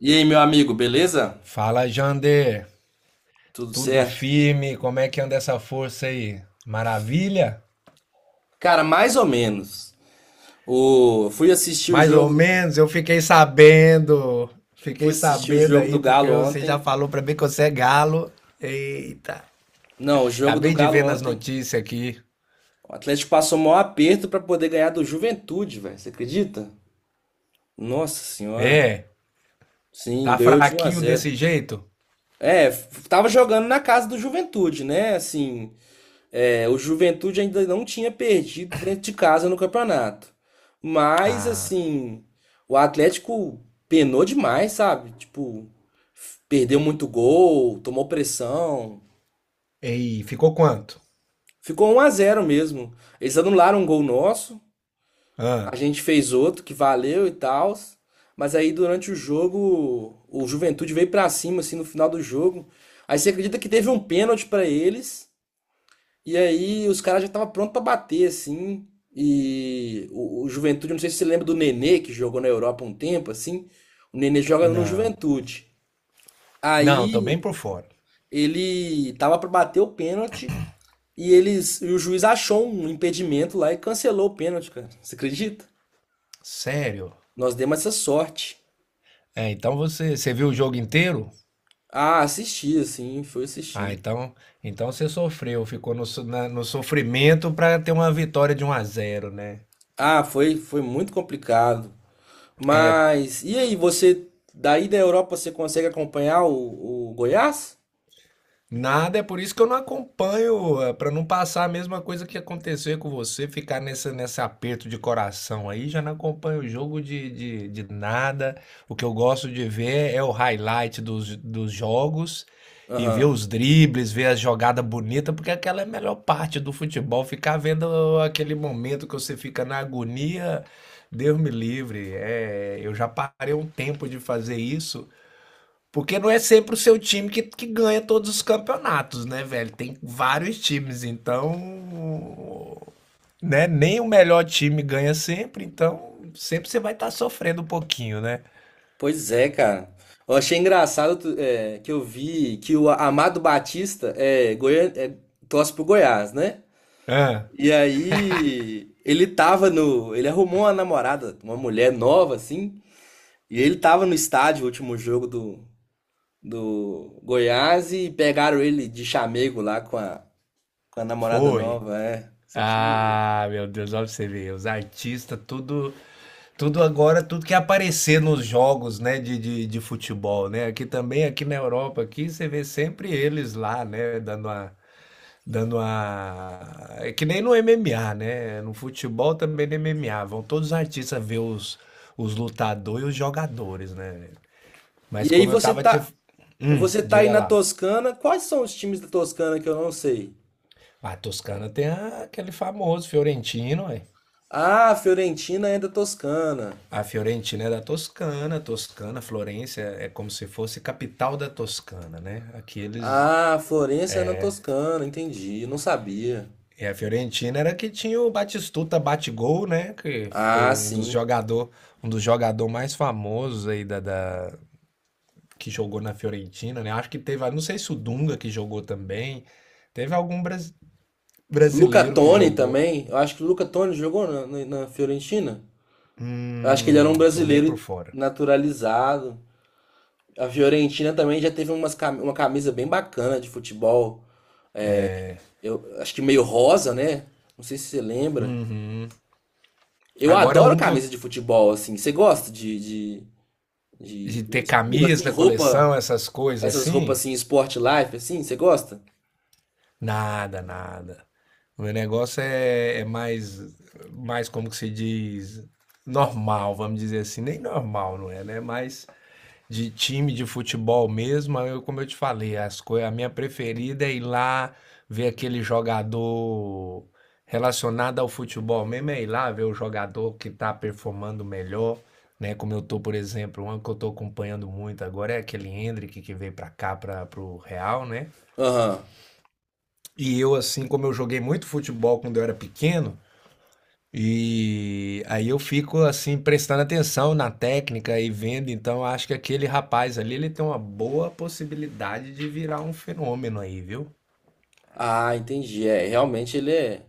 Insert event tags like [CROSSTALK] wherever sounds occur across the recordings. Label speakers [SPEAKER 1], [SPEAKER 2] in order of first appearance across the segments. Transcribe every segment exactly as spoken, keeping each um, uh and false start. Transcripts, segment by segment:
[SPEAKER 1] E aí, meu amigo, beleza?
[SPEAKER 2] Fala, Jander.
[SPEAKER 1] Tudo
[SPEAKER 2] Tudo
[SPEAKER 1] certo?
[SPEAKER 2] firme? Como é que anda essa força aí? Maravilha?
[SPEAKER 1] Cara, mais ou menos. O... Fui assistir o
[SPEAKER 2] Mais ou
[SPEAKER 1] jogo,
[SPEAKER 2] menos, eu fiquei sabendo.
[SPEAKER 1] fui
[SPEAKER 2] Fiquei
[SPEAKER 1] assistir o
[SPEAKER 2] sabendo
[SPEAKER 1] jogo do
[SPEAKER 2] aí porque
[SPEAKER 1] Galo
[SPEAKER 2] você já
[SPEAKER 1] ontem.
[SPEAKER 2] falou pra mim que você é galo. Eita.
[SPEAKER 1] Não, o jogo do
[SPEAKER 2] Acabei de
[SPEAKER 1] Galo
[SPEAKER 2] ver nas
[SPEAKER 1] ontem.
[SPEAKER 2] notícias aqui.
[SPEAKER 1] O Atlético passou o maior aperto pra poder ganhar do Juventude, velho. Você acredita? Nossa senhora.
[SPEAKER 2] É,
[SPEAKER 1] Sim,
[SPEAKER 2] tá
[SPEAKER 1] ganhou de um a
[SPEAKER 2] fraquinho
[SPEAKER 1] zero.
[SPEAKER 2] desse jeito?
[SPEAKER 1] É, f- tava jogando na casa do Juventude, né? Assim, é, o Juventude ainda não tinha perdido dentro de casa no campeonato. Mas,
[SPEAKER 2] Ah.
[SPEAKER 1] assim, o Atlético penou demais, sabe? Tipo, f- perdeu muito gol, tomou pressão.
[SPEAKER 2] Ei, ficou quanto?
[SPEAKER 1] Ficou um a zero mesmo. Eles anularam um gol nosso, a
[SPEAKER 2] Ah,
[SPEAKER 1] gente fez outro que valeu e tal. Mas aí durante o jogo, o Juventude veio pra cima assim no final do jogo. Aí você acredita que teve um pênalti pra eles? E aí os caras já estavam prontos pra bater, assim. E o, o Juventude, não sei se você lembra do Nenê, que jogou na Europa um tempo, assim. O Nenê joga no
[SPEAKER 2] não.
[SPEAKER 1] Juventude.
[SPEAKER 2] Não, tô bem
[SPEAKER 1] Aí
[SPEAKER 2] por fora.
[SPEAKER 1] ele tava pra bater o pênalti e eles, e o juiz achou um impedimento lá e cancelou o pênalti, cara. Você acredita?
[SPEAKER 2] Sério?
[SPEAKER 1] Nós demos essa sorte.
[SPEAKER 2] É, então você, você viu o jogo inteiro?
[SPEAKER 1] Ah, assisti, assim, fui
[SPEAKER 2] Ah,
[SPEAKER 1] assistindo.
[SPEAKER 2] então, então você sofreu, ficou no, so- na- no sofrimento para ter uma vitória de um a zero, né?
[SPEAKER 1] Ah, foi, foi muito complicado. Mas, e aí, você, daí da Europa, você consegue acompanhar o, o Goiás?
[SPEAKER 2] Nada, é por isso que eu não acompanho, para não passar a mesma coisa que aconteceu com você, ficar nessa, nesse aperto de coração aí, já não acompanho o jogo de, de, de nada. O que eu gosto de ver é o highlight dos, dos jogos e ver
[SPEAKER 1] Aham.
[SPEAKER 2] os dribles, ver a jogada bonita, porque aquela é a melhor parte do futebol, ficar vendo aquele momento que você fica na agonia. Deus me livre. É, eu já parei um tempo de fazer isso. Porque não é sempre o seu time que, que ganha todos os campeonatos, né, velho? Tem vários times, então. Né? Nem o melhor time ganha sempre, então sempre você vai estar sofrendo um pouquinho, né?
[SPEAKER 1] Pois é, cara. Eu achei engraçado tu- é, que eu vi que o Amado Batista é, Goian... é, torce pro Goiás, né?
[SPEAKER 2] Ah,
[SPEAKER 1] E aí ele tava no. Ele arrumou uma namorada, uma mulher nova, assim. E ele tava no estádio, o último jogo do, do Goiás, e pegaram ele de chamego lá com a, com a namorada
[SPEAKER 2] foi.
[SPEAKER 1] nova, é. Você precisa de ver.
[SPEAKER 2] Ah, meu Deus, olha pra você ver. Os artistas, tudo, tudo agora, tudo que aparecer nos jogos, né, de, de, de futebol, né? Aqui também, aqui na Europa, aqui você vê sempre eles lá, né, dando uma. Dando a. É que nem no M M A, né? No futebol também no M M A. Vão todos os artistas ver os, os lutadores e os jogadores, né? Mas
[SPEAKER 1] E aí
[SPEAKER 2] como eu
[SPEAKER 1] você
[SPEAKER 2] tava te.
[SPEAKER 1] tá.
[SPEAKER 2] Hum,
[SPEAKER 1] Você tá aí
[SPEAKER 2] diga
[SPEAKER 1] na
[SPEAKER 2] lá.
[SPEAKER 1] Toscana. Quais são os times da Toscana que eu não sei?
[SPEAKER 2] A Toscana tem a- aquele famoso Fiorentino, ué.
[SPEAKER 1] Ah, Fiorentina é da Toscana.
[SPEAKER 2] A Fiorentina é da Toscana. Toscana, Florença é como se fosse capital da Toscana, né? Aqueles.
[SPEAKER 1] Ah, Florença é na Toscana, entendi. Não sabia.
[SPEAKER 2] E a Fiorentina era que tinha o Batistuta Batigol, né? Que
[SPEAKER 1] Ah,
[SPEAKER 2] ficou um dos
[SPEAKER 1] sim.
[SPEAKER 2] jogador, um dos jogador mais famosos aí da, da, que jogou na Fiorentina, né? Acho que teve, não sei se o Dunga que jogou também. Teve algum bras-
[SPEAKER 1] Luca
[SPEAKER 2] brasileiro que
[SPEAKER 1] Toni
[SPEAKER 2] jogou.
[SPEAKER 1] também. Eu acho que o Luca Toni jogou na, na- na Fiorentina. Eu acho que ele era
[SPEAKER 2] Hum,
[SPEAKER 1] um
[SPEAKER 2] tomei por
[SPEAKER 1] brasileiro
[SPEAKER 2] fora.
[SPEAKER 1] naturalizado. A Fiorentina também já teve umas, cam- uma camisa bem bacana de futebol. Eu acho que meio rosa, né? Não sei se você lembra.
[SPEAKER 2] Uhum.
[SPEAKER 1] Eu
[SPEAKER 2] Agora
[SPEAKER 1] adoro
[SPEAKER 2] um que eu
[SPEAKER 1] camisa de futebol, assim. Você gosta de, de, de,
[SPEAKER 2] de
[SPEAKER 1] do
[SPEAKER 2] ter
[SPEAKER 1] estilo, assim,
[SPEAKER 2] camisa, coleção,
[SPEAKER 1] roupa.
[SPEAKER 2] essas coisas
[SPEAKER 1] Essas roupas
[SPEAKER 2] assim,
[SPEAKER 1] assim, sport life, assim, você gosta?
[SPEAKER 2] nada, nada. O meu negócio é, é mais, mais como que se diz, normal, vamos dizer assim. Nem normal, não é, né? Mas de time de futebol mesmo, eu, como eu te falei, as coisas, a minha preferida é ir lá ver aquele jogador relacionado ao futebol mesmo, é ir lá ver o jogador que tá performando melhor, né? Como eu tô, por exemplo, um que eu tô acompanhando muito agora é aquele Hendrick que veio pra cá, para pro Real, né?
[SPEAKER 1] Aham.
[SPEAKER 2] E eu, assim, como eu joguei muito futebol quando eu era pequeno, e aí eu fico assim prestando atenção na técnica e vendo, então acho que aquele rapaz ali ele tem uma boa possibilidade de virar um fenômeno aí, viu?
[SPEAKER 1] Ah, entendi. É, realmente ele é...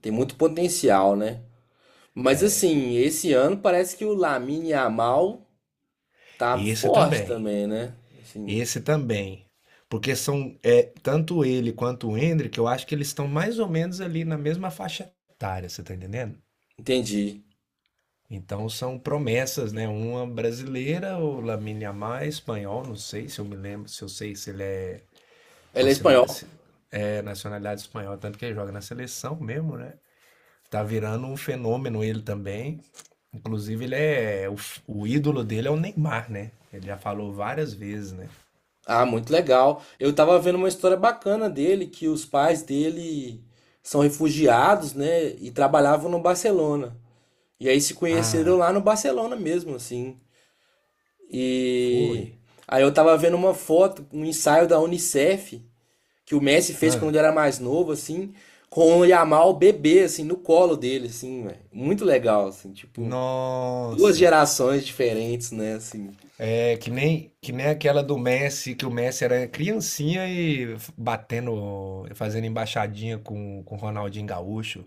[SPEAKER 1] tem muito potencial, né? Mas assim, esse ano parece que o Lamine Yamal tá
[SPEAKER 2] E esse
[SPEAKER 1] forte
[SPEAKER 2] também,
[SPEAKER 1] também, né? Assim,
[SPEAKER 2] esse também, porque são é, tanto ele quanto o Hendrick, eu acho que eles estão mais ou menos ali na mesma faixa etária, você tá entendendo?
[SPEAKER 1] entendi.
[SPEAKER 2] Então são promessas, né? Uma brasileira, o Lamine Yamal é espanhol, não sei se eu me lembro, se eu sei se ele é com
[SPEAKER 1] Ele
[SPEAKER 2] a
[SPEAKER 1] é espanhol.
[SPEAKER 2] cidade. É nacionalidade espanhola, tanto que ele joga na seleção mesmo, né? Tá virando um fenômeno ele também. Inclusive, ele é. O, o ídolo dele é o Neymar, né? Ele já falou várias vezes, né?
[SPEAKER 1] Ah, muito legal. Eu tava vendo uma história bacana dele, que os pais dele são refugiados, né? E trabalhavam no Barcelona. E aí se conheceram
[SPEAKER 2] Ah,
[SPEAKER 1] lá no Barcelona mesmo, assim. E
[SPEAKER 2] foi.
[SPEAKER 1] aí eu tava vendo uma foto, um ensaio da Unicef, que o Messi fez
[SPEAKER 2] Ah,
[SPEAKER 1] quando ele era mais novo, assim, com o Yamal bebê, assim, no colo dele, assim, velho. Muito legal, assim, tipo, duas
[SPEAKER 2] nossa.
[SPEAKER 1] gerações diferentes, né, assim.
[SPEAKER 2] É que nem, que nem aquela do Messi, que o Messi era criancinha e f- batendo, fazendo embaixadinha com com o Ronaldinho Gaúcho.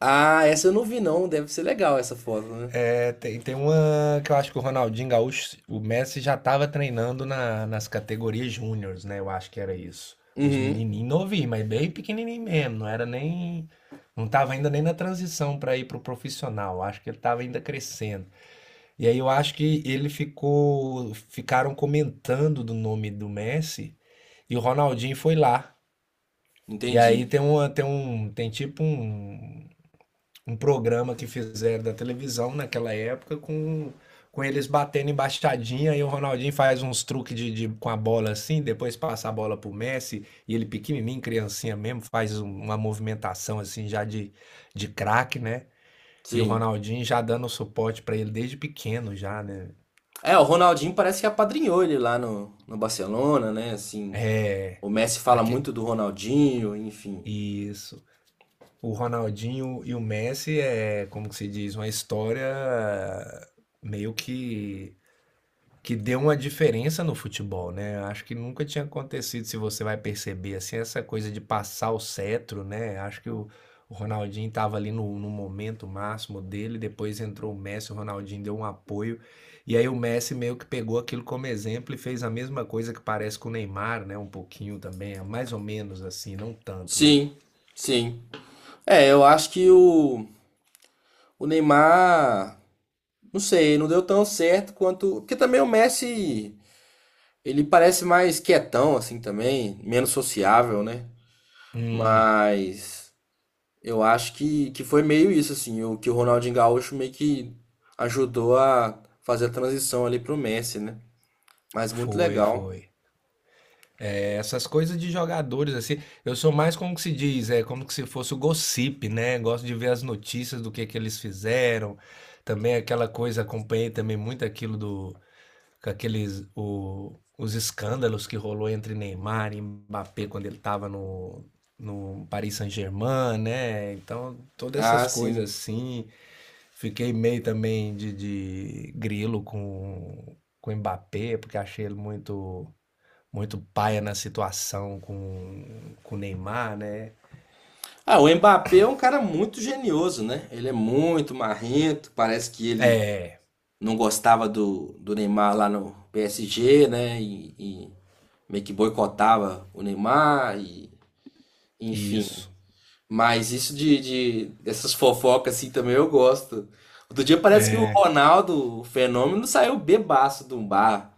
[SPEAKER 1] Ah, essa eu não vi não, deve ser legal essa foto, né?
[SPEAKER 2] É, tem, tem uma que eu acho que o Ronaldinho Gaúcho, o Messi já estava treinando na- nas categorias júniores, né? Eu acho que era isso. Os
[SPEAKER 1] Uhum,
[SPEAKER 2] menininhos novinhos, mas bem pequenininho mesmo. Não era nem. Não estava ainda nem na transição para ir pro profissional. Eu acho que ele estava ainda crescendo. E aí eu acho que ele ficou. Ficaram comentando do nome do Messi e o Ronaldinho foi lá. E aí
[SPEAKER 1] entendi.
[SPEAKER 2] tem uma, tem um, tem tipo um, um programa que fizeram da televisão naquela época com, com eles batendo embaixadinha e o Ronaldinho faz uns truques de, de- com a bola assim, depois passa a bola pro Messi e ele pequenininho, criancinha mesmo, faz um- uma movimentação assim já de, de craque, né? E o
[SPEAKER 1] Sim.
[SPEAKER 2] Ronaldinho já dando suporte pra ele desde pequeno já, né?
[SPEAKER 1] É, o Ronaldinho parece que apadrinhou ele lá no, no Barcelona, né, assim.
[SPEAKER 2] É,
[SPEAKER 1] O Messi fala
[SPEAKER 2] aque-
[SPEAKER 1] muito do Ronaldinho, enfim.
[SPEAKER 2] isso. O Ronaldinho e o Messi é, como que se diz, uma história meio que. Que deu uma diferença no futebol, né? Acho que nunca tinha acontecido, se você vai perceber, assim, essa coisa de passar o cetro, né? Acho que o, o Ronaldinho estava ali no, no momento máximo dele, depois entrou o Messi, o Ronaldinho deu um apoio, e aí o Messi meio que pegou aquilo como exemplo e fez a mesma coisa que parece com o Neymar, né? Um pouquinho também, é mais ou menos assim, não tanto, né?
[SPEAKER 1] Sim, sim. É, eu acho que o O Neymar, não sei, não deu tão certo quanto. Porque também o Messi, ele parece mais quietão, assim, também, menos sociável, né?
[SPEAKER 2] Hum,
[SPEAKER 1] Mas eu acho que, que foi meio isso, assim, o que o Ronaldinho Gaúcho meio que ajudou a fazer a transição ali pro Messi, né? Mas muito
[SPEAKER 2] Foi,
[SPEAKER 1] legal.
[SPEAKER 2] foi. Essas coisas de jogadores, assim, eu sou mais como que se diz, é como que se fosse o gossip, né? Gosto de ver as notícias do que que eles fizeram. Também aquela coisa, acompanhei também muito aquilo do, com aqueles, o- os escândalos que rolou entre Neymar e Mbappé quando ele estava no, no Paris Saint-Germain, né? Então, todas essas
[SPEAKER 1] Ah, sim.
[SPEAKER 2] coisas assim. Fiquei meio também de, de grilo com, com o Mbappé, porque achei ele muito muito paia na situação com com o Neymar, né.
[SPEAKER 1] Ah, o Mbappé é um cara muito genioso, né? Ele é muito marrento, parece que ele
[SPEAKER 2] É,
[SPEAKER 1] não gostava do, do Neymar lá no P S G, né? E, e meio que boicotava o Neymar, e, enfim.
[SPEAKER 2] isso.
[SPEAKER 1] Mas isso de, de- dessas fofocas assim também eu gosto. Outro dia parece que o Ronaldo, o fenômeno, saiu bebaço de um bar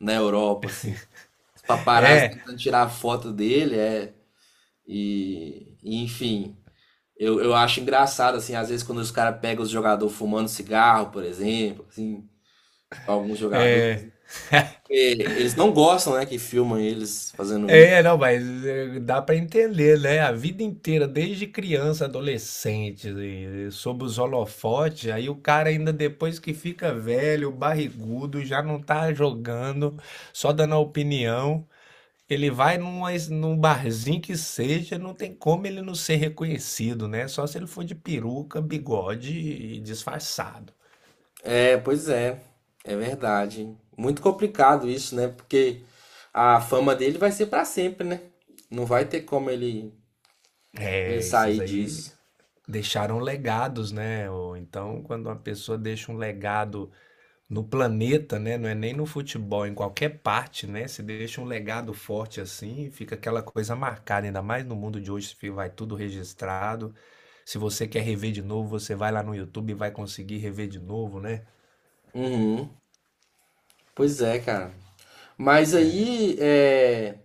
[SPEAKER 1] na Europa, assim. Os paparazzi
[SPEAKER 2] É,
[SPEAKER 1] tentando tirar foto dele, é. E, e, enfim, eu, eu acho engraçado, assim, às vezes quando os caras pegam os jogadores fumando cigarro, por exemplo, assim, tipo, alguns
[SPEAKER 2] é,
[SPEAKER 1] jogadores. Eles não gostam, né, que filmam eles fazendo isso.
[SPEAKER 2] é, não, mas, eh, dá pra entender, né, a vida inteira, desde criança, adolescente, e e sob os holofotes, aí o cara ainda depois que fica velho, barrigudo, já não tá jogando, só dando a opinião, ele vai numa es num barzinho que seja, não tem como ele não ser reconhecido, né, só se ele for de peruca, bigode e disfarçado.
[SPEAKER 1] É, pois é. É verdade. Muito complicado isso, né? Porque a fama dele vai ser pra sempre, né? Não vai ter como ele, ele
[SPEAKER 2] É, esses
[SPEAKER 1] sair
[SPEAKER 2] aí
[SPEAKER 1] disso.
[SPEAKER 2] deixaram legados, né? Ou então, quando uma pessoa deixa um legado no planeta, né? Não é nem no futebol, em qualquer parte, né? Se deixa um legado forte assim, fica aquela coisa marcada, ainda mais no mundo de hoje, fi- vai tudo registrado. Se você quer rever de novo, você vai lá no YouTube e vai conseguir rever de novo, né?
[SPEAKER 1] Uhum. Pois é, cara. Mas aí, é,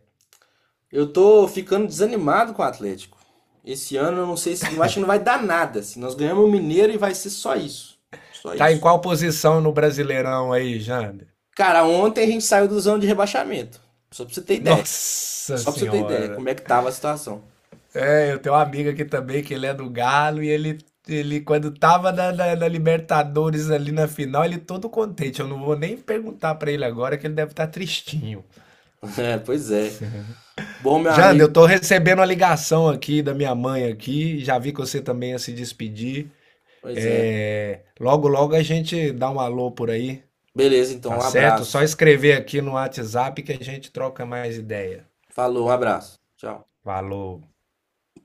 [SPEAKER 1] eu tô ficando desanimado com o Atlético. Esse ano eu não sei se, não acho que não vai dar nada. Se nós ganhamos o Mineiro e vai ser só isso. Só
[SPEAKER 2] Tá em
[SPEAKER 1] isso.
[SPEAKER 2] qual posição no Brasileirão aí, Jander?
[SPEAKER 1] Cara, ontem a gente saiu do zona de rebaixamento. Só pra você ter ideia.
[SPEAKER 2] Nossa
[SPEAKER 1] Só pra você ter ideia, como
[SPEAKER 2] Senhora!
[SPEAKER 1] é que tava a situação.
[SPEAKER 2] É, eu tenho um amigo aqui também, que ele é do Galo, e ele, ele quando tava na, na- na Libertadores ali na final, ele todo contente. Eu não vou nem perguntar pra ele agora, que ele deve estar tristinho.
[SPEAKER 1] [LAUGHS] É, pois é. Bom, meu
[SPEAKER 2] Jander, eu
[SPEAKER 1] amigo.
[SPEAKER 2] tô recebendo uma ligação aqui da minha mãe aqui, já vi que você também ia se despedir.
[SPEAKER 1] Pois é.
[SPEAKER 2] É, logo, logo a gente dá um alô por aí,
[SPEAKER 1] Beleza, então,
[SPEAKER 2] tá
[SPEAKER 1] um
[SPEAKER 2] certo? Só
[SPEAKER 1] abraço.
[SPEAKER 2] escrever aqui no WhatsApp que a gente troca mais ideia.
[SPEAKER 1] Falou, um abraço. Tchau.
[SPEAKER 2] Falou.